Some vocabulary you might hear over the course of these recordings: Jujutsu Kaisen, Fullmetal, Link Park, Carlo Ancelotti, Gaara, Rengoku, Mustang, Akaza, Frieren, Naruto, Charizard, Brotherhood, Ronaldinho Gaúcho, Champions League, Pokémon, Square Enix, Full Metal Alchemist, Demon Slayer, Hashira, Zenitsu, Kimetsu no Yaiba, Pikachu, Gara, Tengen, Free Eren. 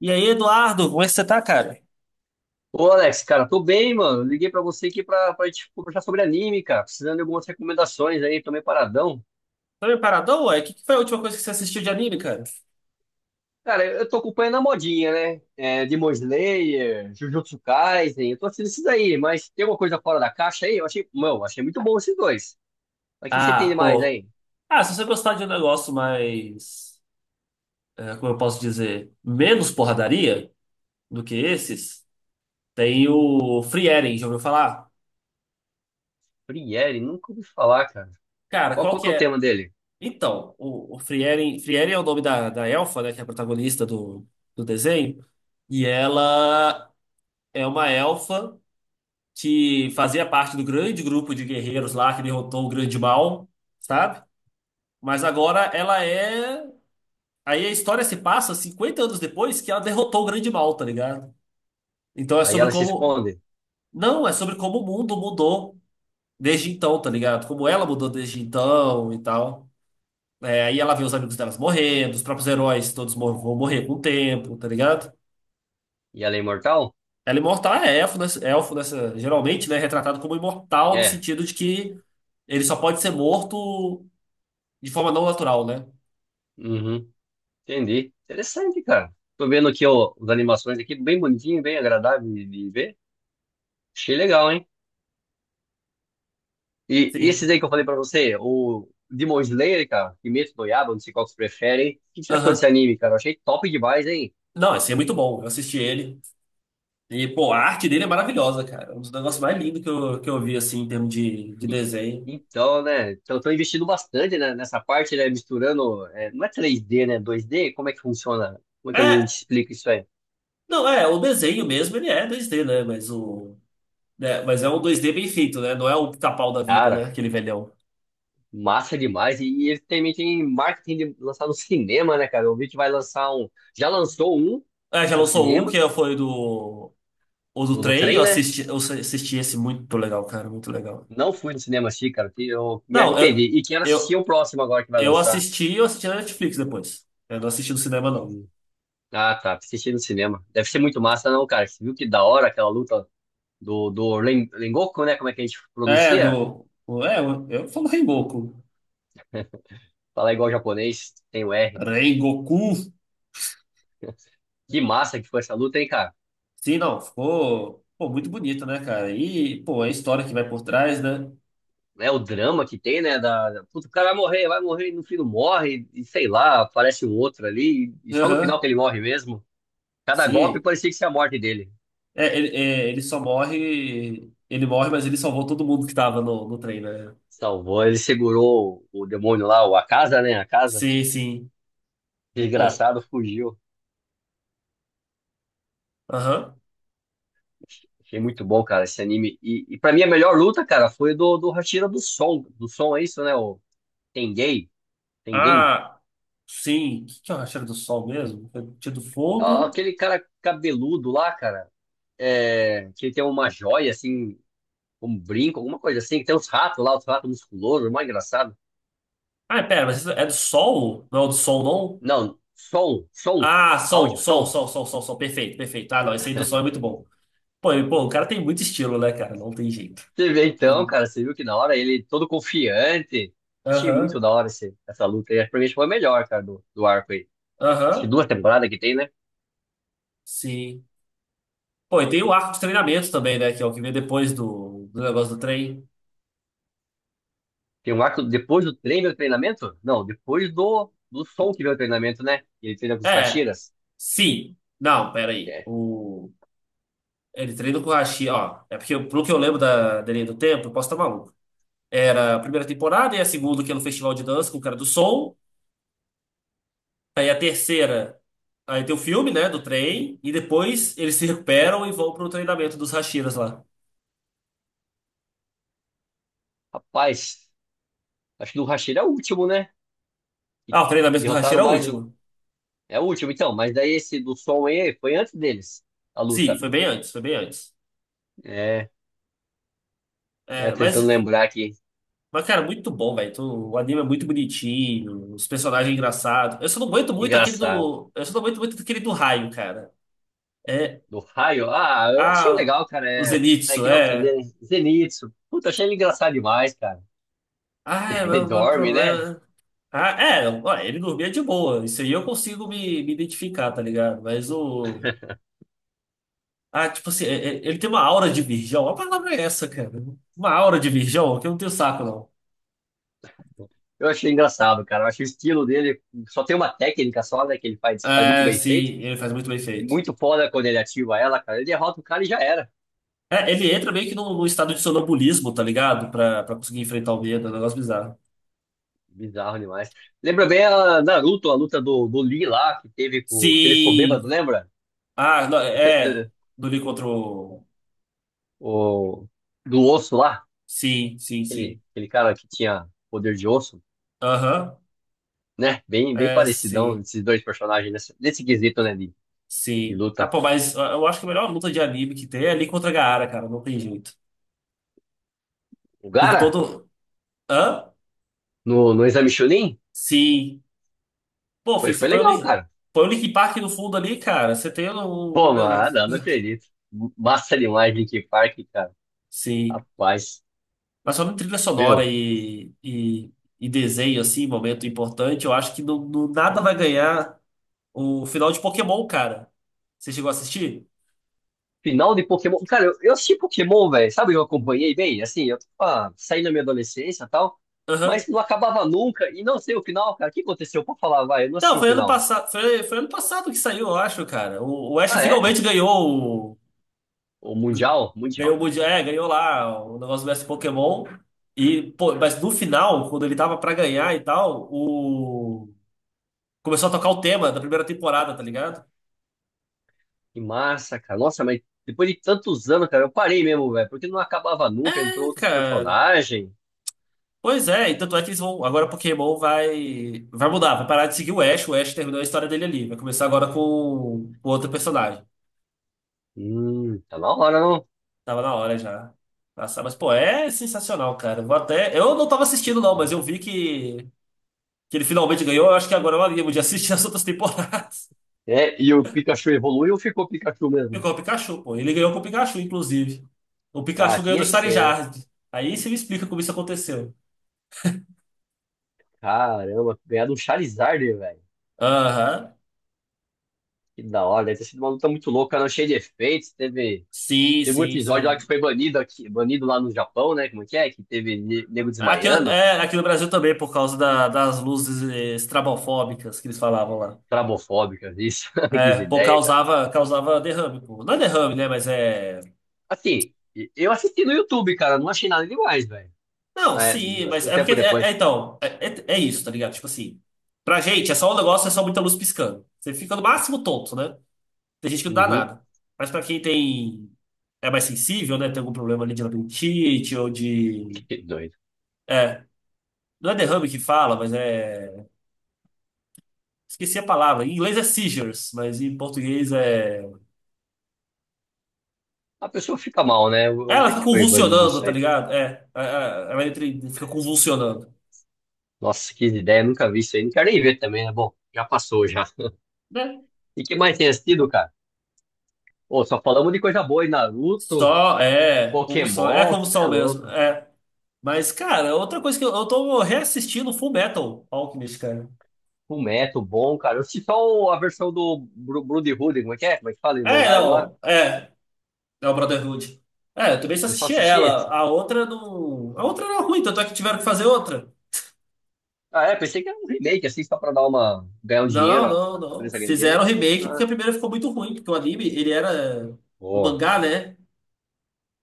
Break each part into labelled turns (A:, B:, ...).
A: E aí, Eduardo, como é que você tá, cara?
B: Ô Alex, cara, tô bem, mano. Liguei pra você aqui pra gente conversar sobre anime, cara. Precisando de algumas recomendações aí, tô meio paradão.
A: Tá meio paradão, ué? O que foi a última coisa que você assistiu de anime, cara?
B: Cara, eu tô acompanhando a modinha, né? Demon Slayer, Jujutsu Kaisen, eu tô assistindo esses aí, mas tem alguma coisa fora da caixa aí? Eu achei, meu, achei muito bom esses dois. Mas o que que você tem
A: Ah,
B: de mais
A: pô.
B: aí?
A: Ah, se você gostar de um negócio mais, como eu posso dizer, menos porradaria do que esses, tem o Free Eren, já ouviu falar?
B: Frieren, nunca ouvi falar, cara.
A: Cara,
B: Qual,
A: qual
B: qual que
A: que
B: é o
A: é?
B: tema dele?
A: Então, o Free Eren, Free Eren é o nome da elfa, né, que é a protagonista do, do desenho, e ela é uma elfa que fazia parte do grande grupo de guerreiros lá que derrotou o Grande Mal, sabe? Mas agora ela é. Aí a história se passa 50 anos depois que ela derrotou o grande mal, tá ligado? Então é
B: Aí
A: sobre
B: ela se
A: como.
B: esconde
A: Não, é sobre como o mundo mudou desde então, tá ligado? Como ela mudou desde então e tal. É, aí ela vê os amigos delas morrendo, os próprios heróis todos vão morrer com o tempo, tá ligado?
B: e ela é imortal?
A: Ela imortal é elfo nessa, geralmente, né? Retratado como imortal no
B: É,
A: sentido de que ele só pode ser morto de forma não natural, né?
B: uhum, entendi. Interessante, cara. Tô vendo aqui, ó, as animações aqui, bem bonitinho, bem agradável de ver. Achei legal, hein? E esses
A: Sim.
B: aí que eu falei pra você, o Demon Slayer, cara, Kimetsu no Yaiba, não sei qual que você prefere, hein? O que você achou desse
A: Aham.
B: anime, cara? Eu achei top demais, hein?
A: Não, esse é muito bom. Eu assisti ele. E, pô, a arte dele é maravilhosa, cara. É um dos negócios mais lindos que eu vi, assim, em termos de
B: E-
A: desenho.
B: Então, né? Então, tô investindo bastante, né, nessa parte, né? Misturando. É, não é três d, né? Dois d. Como é que funciona? Como é que a gente
A: É,
B: explica isso aí?
A: não, é, o desenho mesmo, ele é 2D, né? Mas o. Né, mas é um 2D bem feito, né? Não é o pica-pau da vida, né?
B: Cara,
A: Aquele velhão.
B: massa demais. E ele também tem marketing de lançar no cinema, né, cara? Eu vi que vai lançar um. Já lançou um
A: É, já
B: no
A: lançou um
B: cinema,
A: que foi do. O do
B: do
A: trem,
B: trem, né?
A: eu assisti esse muito legal, cara, muito legal.
B: Não fui no cinema assistir, cara. Que Eu me
A: Não,
B: arrependi.
A: eu,
B: E quero assistir
A: eu,
B: o próximo agora que vai
A: eu
B: lançar.
A: assisti, eu assisti na Netflix depois. Eu não assisti no cinema, não.
B: Hum. Ah, tá. Assisti no cinema. Deve ser muito massa, não, cara. Você viu que da hora aquela luta do Rengoku, né? Como é que a gente
A: É,
B: pronuncia?
A: do. É, eu falo Rengoku.
B: Falar igual japonês, tem o R.
A: Rengoku.
B: Que massa que foi essa luta, hein, cara?
A: Sim, não, ficou, pô, muito bonito, né, cara? E, pô, a história que vai por trás, né?
B: É o drama que tem, né? Puta, o cara vai morrer, e no fim não morre, e sei lá, aparece um outro ali, e só no
A: Aham,
B: final que ele morre mesmo. Cada golpe
A: sim.
B: parecia que ia ser a morte dele.
A: É, ele só morre, ele morre, mas ele salvou todo mundo que tava no, no trem, né?
B: Salvou, ele segurou o demônio lá, o Akaza, né? A casa.
A: Sim, sim. Pô,
B: Desgraçado fugiu.
A: aham.
B: Achei muito bom, cara, esse anime. E pra mim a melhor luta, cara, foi do Hashira do Som. Do Som é isso, né? O Tengen. Tengen.
A: Ah, sim. O que que eu achei do sol mesmo? Tinha do
B: Ah,
A: fogo.
B: aquele cara cabeludo lá, cara. É, que ele tem uma joia, assim, um brinco, alguma coisa assim. Que Tem uns ratos lá, os ratos musculosos, mais engraçado.
A: Ah, pera, mas isso é do sol? Não é o do sol, não?
B: Não, som,
A: Ah, sol,
B: áudio,
A: sol,
B: som.
A: sol, sol, sol, sol. Perfeito, perfeito. Ah, não, esse aí do sol é muito bom. Pô, e, pô, o cara tem muito estilo, né, cara? Não tem jeito.
B: Você vê então, cara, você viu que na hora ele todo confiante. Achei muito
A: Aham,
B: da hora essa luta aí. Acho que pra mim foi a melhor, cara, do arco aí. Acho que
A: aham.
B: duas temporadas que tem, né?
A: Sim. Pô, e tem o arco de treinamento também, né? Que é o que vem depois do, do negócio do trem.
B: Tem um arco depois do treino do treinamento? Não, depois do som que vem o treinamento, né? E ele treina com os
A: É,
B: Hashiras.
A: sim. Não, peraí.
B: É.
A: O, ele treina com o Hashi, ó. É porque, pelo que eu lembro da, da linha do tempo, eu posso estar maluco. Era a primeira temporada, e a segunda, que é no Festival de Dança com o cara do Soul. Aí a terceira, aí tem o filme, né? Do trem. E depois eles se recuperam e vão pro treinamento dos Hashiras lá.
B: Rapaz, acho que do Hashira é o último, né? Que
A: Ah, o treinamento do
B: derrotaram
A: Hashira é o
B: mais um.
A: último.
B: É o último, então. Mas daí esse do som aí foi antes deles, a
A: Sim,
B: luta.
A: foi bem antes, foi bem antes.
B: É, é
A: É,
B: tentando
A: mas
B: lembrar aqui.
A: Mas, cara, muito bom, velho. O anime é muito bonitinho, os personagens engraçados. Eu só não aguento muito aquele
B: Engraçado.
A: do. Eu só não aguento muito aquele do raio, cara. É.
B: Do raio? Ah, eu achei
A: Ah,
B: legal, cara.
A: o
B: É, é
A: Zenitsu,
B: que nome que ele
A: é.
B: é? Zenitsu. Puta, achei ele engraçado demais, cara.
A: Ah, é
B: Ele
A: o
B: dorme, né?
A: problema. Ah, é, ó, ele dormia de boa. Isso aí eu consigo me identificar, tá ligado? Mas o. Ah, tipo assim, ele tem uma aura de virgão. A palavra é essa, cara. Uma aura de virgão que eu não tenho saco, não.
B: Eu achei engraçado, cara. Eu achei o estilo dele. Só tem uma técnica só, né? Que ele faz, que faz muito
A: É,
B: bem
A: sim,
B: feito.
A: ele faz muito bem feito.
B: Muito foda quando ele ativa ela, cara. Ele derrota o cara e já era.
A: É, ele entra meio que num estado de sonambulismo, tá ligado? Pra conseguir enfrentar o medo, é um negócio bizarro.
B: Bizarro demais. Lembra bem a Naruto, a luta do Lee lá, que teve com. Que ele ficou bêbado,
A: Sim!
B: lembra?
A: Ah, não, é. Do Lee contra o...
B: O, do osso lá.
A: Sim, sim, sim.
B: Aquele cara que tinha poder de osso,
A: Aham.
B: né? Bem
A: É,
B: parecidão
A: sim,
B: esses dois personagens nesse quesito, né? De
A: sim. Ah,
B: luta.
A: pô, mas eu acho que a melhor luta de anime que tem é Lee contra Gaara, cara. Não tem jeito.
B: O
A: Por
B: Gara,
A: todo... Hã?
B: no Exame Chunin,
A: Sim. Pô, filho, se
B: foi
A: põe o
B: legal,
A: Link,
B: cara.
A: põe o Link Park no fundo ali, cara, você tem um, um
B: Pô,
A: negócio.
B: mano, não acredito. Massa demais, Linkin Park, cara.
A: Sim.
B: Rapaz,
A: Mas falando em trilha sonora
B: meu,
A: e desenho, assim, momento importante, eu acho que no, no nada vai ganhar o final de Pokémon, cara. Você chegou a assistir?
B: final de Pokémon. Cara, eu assisti Pokémon, velho. Sabe, eu acompanhei bem, assim, eu tava saindo da minha adolescência e tal,
A: Aham.
B: mas não acabava nunca. E não sei o final, cara. O que aconteceu? Pô, falar, vai, eu não
A: Não,
B: assisti o
A: foi ano
B: final.
A: passado, foi ano passado que saiu, eu acho, cara. O Ash
B: Ah, é?
A: finalmente ganhou o,
B: O Mundial?
A: ganhou
B: Mundial.
A: o Mundial, é, ganhou lá o negócio do mestre Pokémon. E, pô, mas no final, quando ele tava pra ganhar e tal, o começou a tocar o tema da primeira temporada, tá ligado?
B: Que massa, cara. Nossa, mas depois de tantos anos, cara, eu parei mesmo, velho, porque não acabava nunca. Entrou
A: É,
B: outros
A: cara.
B: personagens.
A: Pois é, e tanto é que eles vão. Agora Pokémon vai. Vai mudar, vai parar de seguir o Ash. O Ash terminou a história dele ali. Vai começar agora com outro personagem.
B: Tá na hora, não?
A: Tava na hora já. Nossa, mas pô, é sensacional, cara. Eu vou até. Eu não tava assistindo, não, mas eu vi que ele finalmente ganhou. Eu acho que agora eu animo de assistir as outras temporadas.
B: É, e o Pikachu evoluiu ou ficou Pikachu mesmo?
A: Ficou o Pikachu, pô. Ele ganhou com o Pikachu, inclusive. O
B: Ah,
A: Pikachu ganhou do
B: tinha que ser, né?
A: Charizard. Aí você me explica como isso aconteceu.
B: Caramba, ganhar do Charizard, velho.
A: Aham.
B: Que da hora, deve ter sido uma luta muito louca, não, cheia de efeitos.
A: Sim,
B: Teve um
A: sim,
B: episódio lá que
A: sim.
B: foi banido aqui, banido lá no Japão, né? Como é? Que teve nego
A: Aqui,
B: desmaiando.
A: é, aqui no Brasil também, por causa das luzes estrabofóbicas que eles falavam lá.
B: Trabofóbicas, isso. Que
A: É, pô,
B: ideia, cara.
A: causava, causava derrame, pô. Não é derrame, né? Mas é.
B: Assim, eu assisti no YouTube, cara, não achei nada demais, velho.
A: Não,
B: É,
A: sim,
B: acho que
A: mas
B: um
A: é porque.
B: tempo depois.
A: Então, é isso, tá ligado? Tipo assim, pra gente é só um negócio, é só muita luz piscando. Você fica no máximo tonto, né? Tem gente que não dá
B: Uhum,
A: nada. Mas pra quem tem. É mais sensível, né? Tem algum problema ali de labirintite ou de.
B: que doido.
A: É. Não é derrame que fala, mas é. Esqueci a palavra. Em inglês é seizures, mas em português é.
B: A pessoa fica mal, né? Eu
A: Ela
B: vi
A: fica
B: que foi banido
A: convulsionando,
B: isso
A: tá
B: aí.
A: ligado? Ela entra e fica convulsionando.
B: Nossa, que ideia, nunca vi isso aí. Não quero nem ver também, né? Bom, já passou já.
A: Né?
B: E que mais tem assistido, cara? Ô, só falamos de coisa boa aí, Naruto,
A: Só, é
B: Pokémon, cê é
A: convulsão mesmo,
B: louco.
A: é. Mas, cara, outra coisa que eu tô reassistindo Full Metal Alchemist, cara.
B: Fullmetal, bom, cara. Eu assisti só a versão do Brotherhood, como é que é? Como é que fala,
A: É,
B: Irmandade lá?
A: não, é, é o Brotherhood. É, eu também só
B: Eu só
A: assisti
B: assisti
A: ela,
B: esse.
A: a outra não... A outra era ruim, tanto é que tiveram que fazer outra.
B: Ah, é, pensei que era um remake, assim, só pra dar uma... ganhar um dinheiro,
A: Não,
B: ó,
A: não,
B: pra
A: não.
B: empresa ganhar dinheiro.
A: Fizeram remake porque
B: Ah,
A: a primeira ficou muito ruim, porque o anime, ele era... O
B: pô,
A: mangá, né?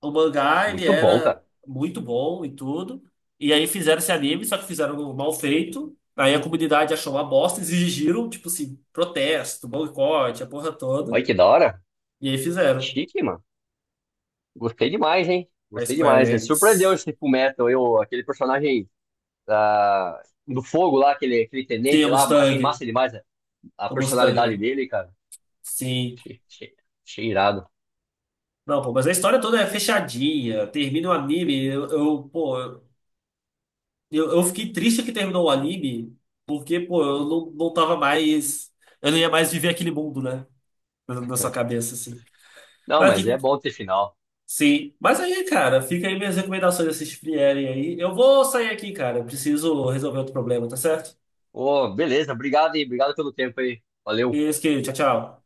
A: O mangá ele
B: muito bom,
A: era
B: cara.
A: muito bom e tudo. E aí fizeram esse anime, só que fizeram mal feito. Aí a comunidade achou uma bosta, exigiram, tipo assim, protesto, boicote, a porra toda.
B: Olha que da hora.
A: E aí fizeram.
B: Chique, mano. Gostei demais, hein?
A: A
B: Gostei
A: Square
B: demais, né? Surpreendeu
A: Enix.
B: esse Fullmetal, eu, aquele personagem da... do fogo lá, aquele
A: Sim, a
B: tenente lá, achei
A: Mustang.
B: massa demais, né? A
A: A
B: personalidade
A: Mustang.
B: dele, cara.
A: Sim.
B: Achei, achei, achei irado.
A: Não, pô, mas a história toda é fechadinha. Termina o anime. Eu fiquei triste que terminou o anime, porque, pô, eu não, não tava mais. Eu não ia mais viver aquele mundo, né? Na na sua cabeça, assim.
B: Não,
A: Mas
B: mas
A: que
B: é bom ter final.
A: sim, mas aí, cara, fica aí minhas recomendações assistir vierem aí. Eu vou sair aqui, cara. Eu preciso resolver outro problema, tá certo?
B: Ô, beleza, obrigado aí, obrigado pelo tempo aí. Valeu.
A: Isso aqui, tchau, tchau.